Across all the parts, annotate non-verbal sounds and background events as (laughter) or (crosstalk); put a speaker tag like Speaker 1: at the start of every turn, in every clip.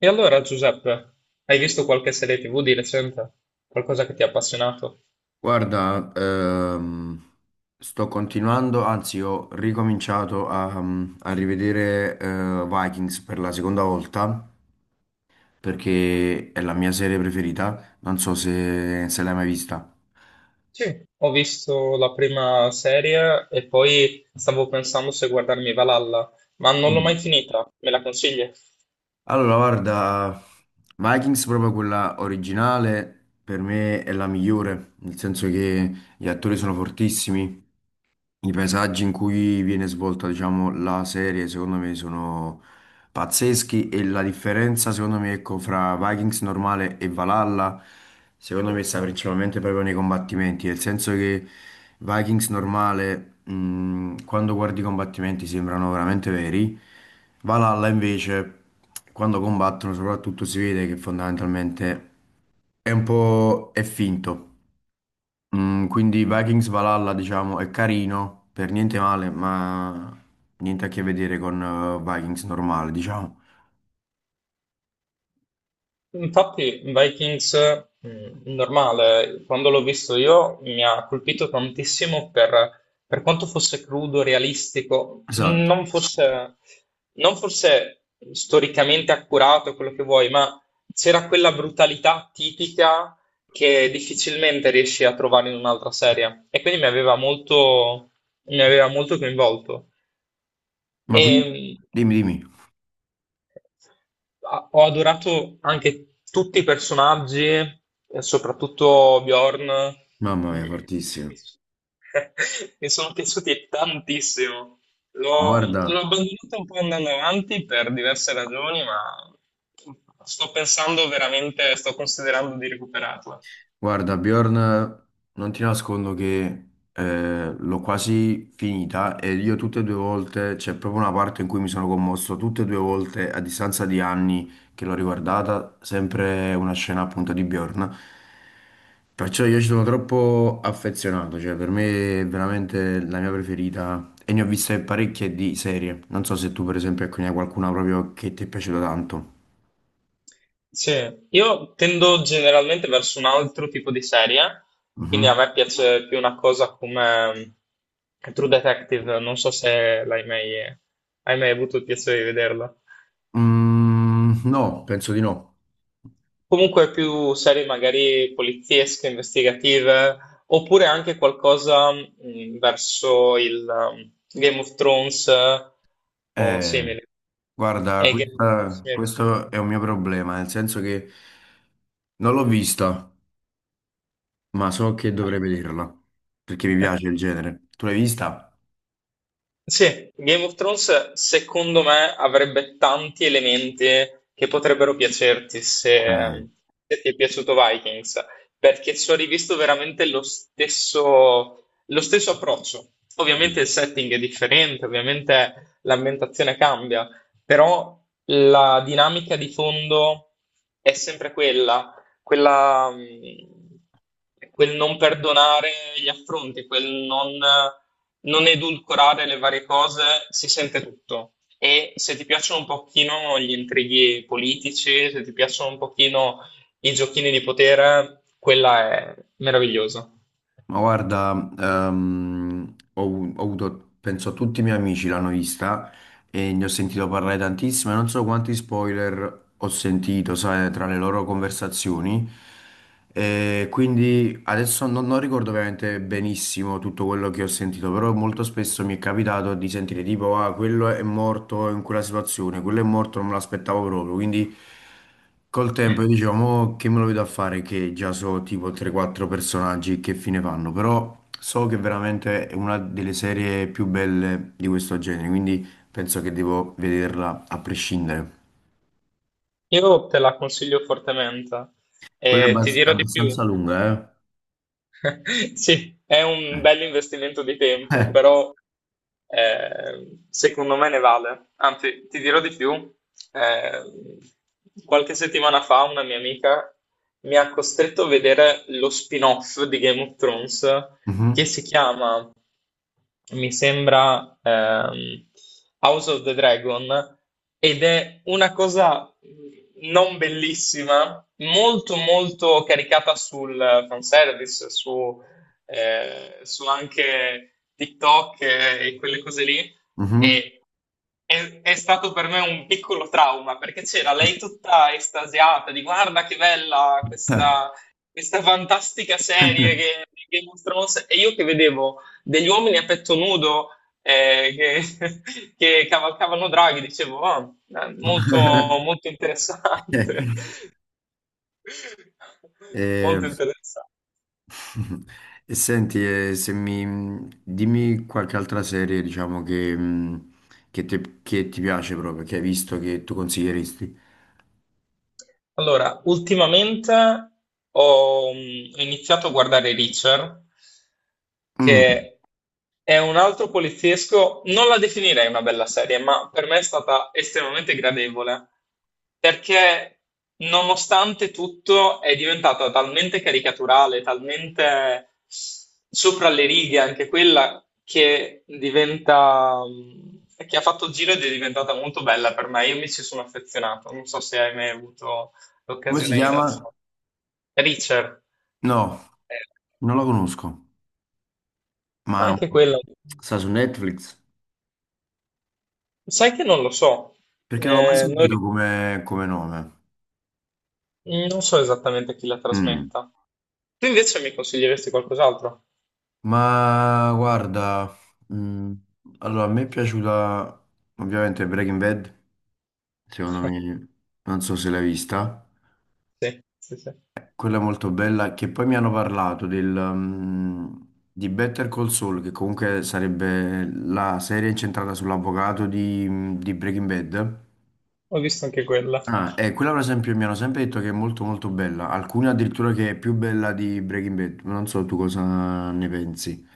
Speaker 1: E allora, Giuseppe, hai visto qualche serie TV di recente? Qualcosa che ti ha appassionato?
Speaker 2: Guarda, sto continuando, anzi ho ricominciato a rivedere Vikings per la seconda volta perché è la mia serie preferita, non so se l'hai mai vista.
Speaker 1: Sì, ho visto la prima serie e poi stavo pensando se guardarmi Valhalla, ma non l'ho mai
Speaker 2: Mm.
Speaker 1: finita. Me la consigli?
Speaker 2: Allora, guarda, Vikings proprio quella originale per me è la migliore, nel senso che gli attori sono fortissimi. I paesaggi in cui viene svolta, diciamo, la serie, secondo me, sono pazzeschi, e la differenza, secondo me, ecco, fra Vikings normale e Valhalla, secondo me, sta principalmente proprio nei combattimenti, nel senso che Vikings normale, quando guardi i combattimenti, sembrano veramente veri. Valhalla, invece, quando combattono, soprattutto si vede che fondamentalmente è un po' è finto. Mm, quindi Vikings Valhalla, diciamo, è carino, per niente male, ma niente a che vedere con Vikings normale, diciamo.
Speaker 1: Infatti, Vikings, normale, quando l'ho visto io mi ha colpito tantissimo per quanto fosse crudo, realistico,
Speaker 2: Esatto.
Speaker 1: non fosse storicamente accurato quello che vuoi, ma c'era quella brutalità tipica che difficilmente riesci a trovare in un'altra serie. E quindi mi aveva molto coinvolto.
Speaker 2: Ma quindi,
Speaker 1: E,
Speaker 2: dimmi, dimmi.
Speaker 1: Ah, ho adorato anche tutti i personaggi, e soprattutto Bjorn.
Speaker 2: Mamma
Speaker 1: Mm.
Speaker 2: mia, fortissimo.
Speaker 1: (laughs) Mi sono piaciuti tantissimo.
Speaker 2: Ma
Speaker 1: L'ho
Speaker 2: guarda,
Speaker 1: l'ho abbandonato un po' andando avanti per diverse ragioni, ma sto pensando veramente, sto considerando di recuperarla.
Speaker 2: Guarda, Bjorn, non ti nascondo che l'ho quasi finita e io tutte e due volte, c'è proprio una parte in cui mi sono commosso, tutte e due volte a distanza di anni che l'ho riguardata, sempre una scena appunto di Bjorn. Perciò io ci sono troppo affezionato, cioè per me è veramente la mia preferita e ne ho viste parecchie di serie. Non so se tu per esempio ecco, ne hai qualcuna proprio che ti è piaciuta tanto.
Speaker 1: Sì, io tendo generalmente verso un altro tipo di serie, quindi a
Speaker 2: Mhm.
Speaker 1: me piace più una cosa come True Detective, non so se l'hai mai, hai mai avuto il piacere di vederla.
Speaker 2: Mm, no, penso di no.
Speaker 1: Comunque più serie magari poliziesche, investigative, oppure anche qualcosa verso il Game of Thrones, o
Speaker 2: Eh,
Speaker 1: simili.
Speaker 2: guarda,
Speaker 1: Game of Thrones
Speaker 2: questo è
Speaker 1: mi
Speaker 2: un mio problema, nel senso che non l'ho vista, ma so che dovrei vederla, perché mi
Speaker 1: è-
Speaker 2: piace il genere. Tu l'hai vista?
Speaker 1: Sì, Game of Thrones secondo me avrebbe tanti elementi che potrebbero piacerti
Speaker 2: Eh,
Speaker 1: se, se ti è piaciuto Vikings, perché ci ho rivisto veramente lo stesso approccio. Ovviamente il setting è differente, ovviamente l'ambientazione cambia, però la dinamica di fondo è sempre quella. Quel non perdonare gli affronti, quel non edulcorare le varie cose, si sente tutto. E se ti piacciono un pochino gli intrighi politici, se ti piacciono un pochino i giochini di potere, quella è meravigliosa.
Speaker 2: Ma guarda, ehm, ho, ho avuto, penso tutti i miei amici l'hanno vista, e ne ho sentito parlare tantissimo e non so quanti spoiler ho sentito, sai, tra le loro conversazioni. E quindi adesso non ricordo veramente benissimo tutto quello che ho sentito, però molto spesso mi è capitato di sentire tipo, ah, quello è morto in quella situazione, quello è morto, non me l'aspettavo proprio. Quindi col tempo io dicevo, mo che me lo vedo a fare che già so tipo 3-4 personaggi che fine fanno, però so che veramente è una delle serie più belle di questo genere, quindi penso che devo vederla a prescindere.
Speaker 1: Io te la consiglio fortemente
Speaker 2: Quella è,
Speaker 1: e ti
Speaker 2: è
Speaker 1: dirò di più.
Speaker 2: abbastanza lunga,
Speaker 1: (laughs) Sì, è un
Speaker 2: eh?
Speaker 1: bel investimento di
Speaker 2: Eh.
Speaker 1: tempo,
Speaker 2: Eh.
Speaker 1: però secondo me ne vale. Anzi, ti dirò di più. eh, Qualche settimana fa una mia amica mi ha costretto a vedere lo spin-off di Game of Thrones che
Speaker 2: Mhm.
Speaker 1: si chiama, mi sembra, House of the Dragon ed è una cosa non bellissima, molto molto caricata sul fanservice, su, su anche TikTok e quelle cose lì.
Speaker 2: Mhm.
Speaker 1: E è stato per me un piccolo trauma perché c'era lei tutta estasiata di guarda che bella
Speaker 2: Eh.
Speaker 1: questa fantastica serie e io che vedevo degli uomini a petto nudo eh, che, (laughs) che cavalcavano draghi, dicevo, "Ah, molto,
Speaker 2: (laughs)
Speaker 1: molto interessante, (laughs)
Speaker 2: Eh,
Speaker 1: molto interessante."
Speaker 2: (laughs) e senti, se mi, dimmi qualche altra serie, diciamo, che, che ti piace proprio, che hai visto, che tu consiglieresti.
Speaker 1: Allora, ultimamente ho iniziato a guardare Reacher,
Speaker 2: Mm.
Speaker 1: che è un altro poliziesco, non la definirei una bella serie, ma per me è stata estremamente gradevole, perché nonostante tutto è diventata talmente caricaturale, talmente sopra le righe anche quella, che diventa, che ha fatto il giro ed è diventata molto bella per me. Io mi ci sono affezionato, non so se hai mai avuto
Speaker 2: Come si
Speaker 1: l'occasione di
Speaker 2: chiama?
Speaker 1: Dudson. Richard,
Speaker 2: No,
Speaker 1: eh,
Speaker 2: non la conosco, ma
Speaker 1: anche quella,
Speaker 2: sta su Netflix?
Speaker 1: sai che non lo so.
Speaker 2: Perché non l'ho mai
Speaker 1: Eh, non,
Speaker 2: sentito
Speaker 1: ri-
Speaker 2: come, come nome.
Speaker 1: Non so esattamente chi la
Speaker 2: Mm.
Speaker 1: trasmetta. Tu invece mi consiglieresti qualcos'altro?
Speaker 2: Ma guarda, mm, allora a me è piaciuta ovviamente Breaking Bad, secondo
Speaker 1: (laughs)
Speaker 2: me, non so se l'hai vista,
Speaker 1: Sì, sì, sì,
Speaker 2: quella è molto bella, che poi mi hanno parlato di Better Call Saul, che comunque sarebbe la serie incentrata sull'avvocato di Breaking Bad.
Speaker 1: ho visto anche quella.
Speaker 2: Ah, e quella per esempio mi hanno sempre detto che è molto molto bella, alcune addirittura che è più bella di Breaking Bad, non so tu cosa ne pensi.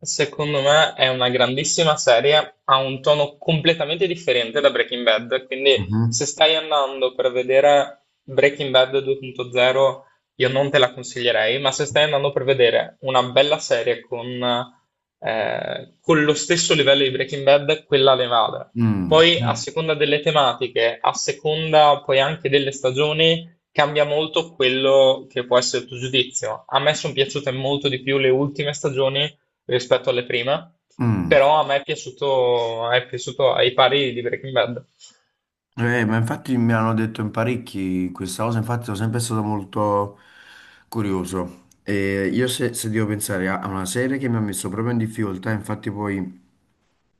Speaker 1: Secondo me è una grandissima serie, ha un tono completamente differente da Breaking Bad, quindi
Speaker 2: Mhm.
Speaker 1: se stai andando per vedere Breaking Bad 2.0 io non te la consiglierei, ma se stai andando per vedere una bella serie con lo stesso livello di Breaking Bad, quella le vale.
Speaker 2: Mm.
Speaker 1: Poi a seconda delle tematiche, a seconda poi anche delle stagioni, cambia molto quello che può essere il tuo giudizio. A me sono piaciute molto di più le ultime stagioni rispetto alle prime,
Speaker 2: Mm.
Speaker 1: però a me è piaciuto ai pari di Breaking Bad.
Speaker 2: Ma infatti mi hanno detto in parecchi questa cosa, infatti sono sempre stato molto curioso. E io se devo pensare a una serie che mi ha messo proprio in difficoltà, infatti poi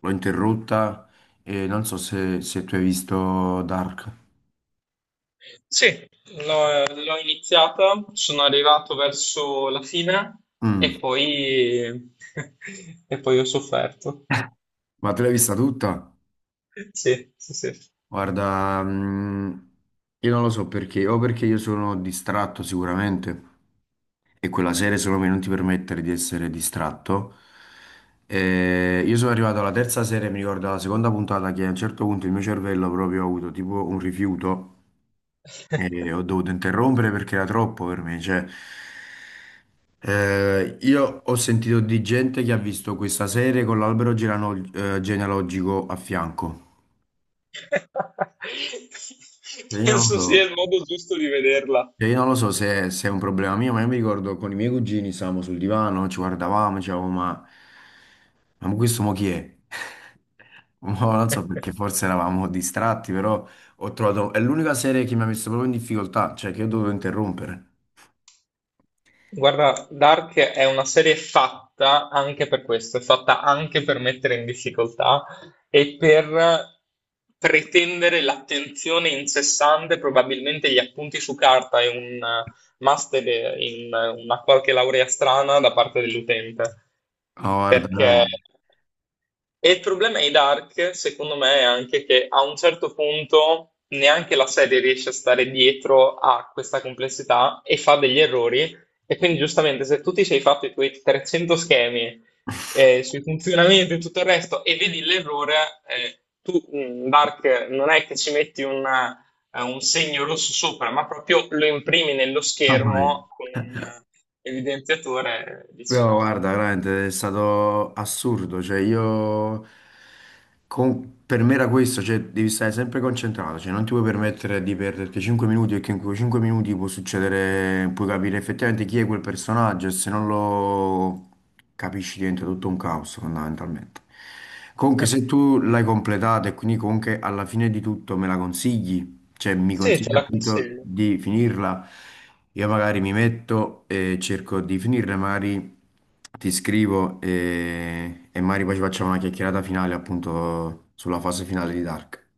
Speaker 2: l'ho interrotta e non so se tu hai visto Dark.
Speaker 1: Sì, l'ho iniziata, sono arrivato verso la fine
Speaker 2: Mm.
Speaker 1: e poi, (laughs) e poi ho sofferto.
Speaker 2: Ma te l'hai vista tutta?
Speaker 1: Sì, sì, sì.
Speaker 2: Guarda, mm, io non lo so perché, o perché io sono distratto sicuramente. E quella serie secondo me non ti permettere di essere distratto. Io sono arrivato alla terza serie, mi ricordo la seconda puntata, che a un certo punto il mio cervello proprio ha avuto tipo un rifiuto
Speaker 1: (laughs)
Speaker 2: e ho dovuto interrompere perché era troppo per me. Cioè, io ho sentito di gente che ha visto questa serie con l'albero genealogico a fianco. E io non lo
Speaker 1: Penso sia
Speaker 2: so.
Speaker 1: il modo giusto di vederla.
Speaker 2: E io non lo so se è un problema mio, ma io mi ricordo con i miei cugini stavamo sul divano, ci guardavamo, dicevamo, ma questo mo chi è? (laughs) Mo non so
Speaker 1: (laughs)
Speaker 2: perché forse eravamo distratti, però ho trovato... È l'unica serie che mi ha messo proprio in difficoltà, cioè che ho dovuto interrompere.
Speaker 1: Guarda, Dark è una serie fatta anche per questo, è fatta anche per mettere in difficoltà e per pretendere l'attenzione incessante, probabilmente gli appunti su carta e un master in una qualche laurea strana da parte dell'utente.
Speaker 2: Oh, guarda,
Speaker 1: Perché
Speaker 2: dai.
Speaker 1: e il problema di Dark, secondo me, è anche che a un certo punto neanche la serie riesce a stare dietro a questa complessità e fa degli errori. E quindi, giustamente, se tu ti sei fatto i tuoi 300 schemi sui funzionamenti e tutto il resto e vedi l'errore, tu, Dark, non è che ci metti un segno rosso sopra, ma proprio lo imprimi nello
Speaker 2: (laughs) Mamma
Speaker 1: schermo con un
Speaker 2: mia.
Speaker 1: evidenziatore e dici
Speaker 2: No,
Speaker 1: no.
Speaker 2: guarda, veramente è stato assurdo, cioè io, per me era questo, cioè devi stare sempre concentrato, cioè non ti puoi permettere di perderti 5 minuti perché in quei 5 minuti può succedere, puoi capire effettivamente chi è quel personaggio e se non lo capisci diventa tutto un caos fondamentalmente. Comunque se
Speaker 1: (laughs)
Speaker 2: tu l'hai completato e quindi comunque alla fine di tutto me la consigli, cioè mi
Speaker 1: Sì, ce
Speaker 2: consiglia
Speaker 1: la
Speaker 2: appunto
Speaker 1: consiglio.
Speaker 2: di finirla, io magari mi metto e cerco di finirla, magari ti scrivo e magari poi ci facciamo una chiacchierata finale appunto sulla fase finale di Dark,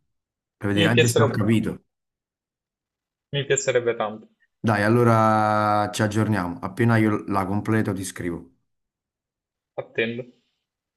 Speaker 2: per vedere
Speaker 1: Mi
Speaker 2: anche se ho
Speaker 1: piacerebbe
Speaker 2: capito.
Speaker 1: Tanto,
Speaker 2: Dai, allora ci aggiorniamo, appena io la completo ti scrivo.
Speaker 1: attendo.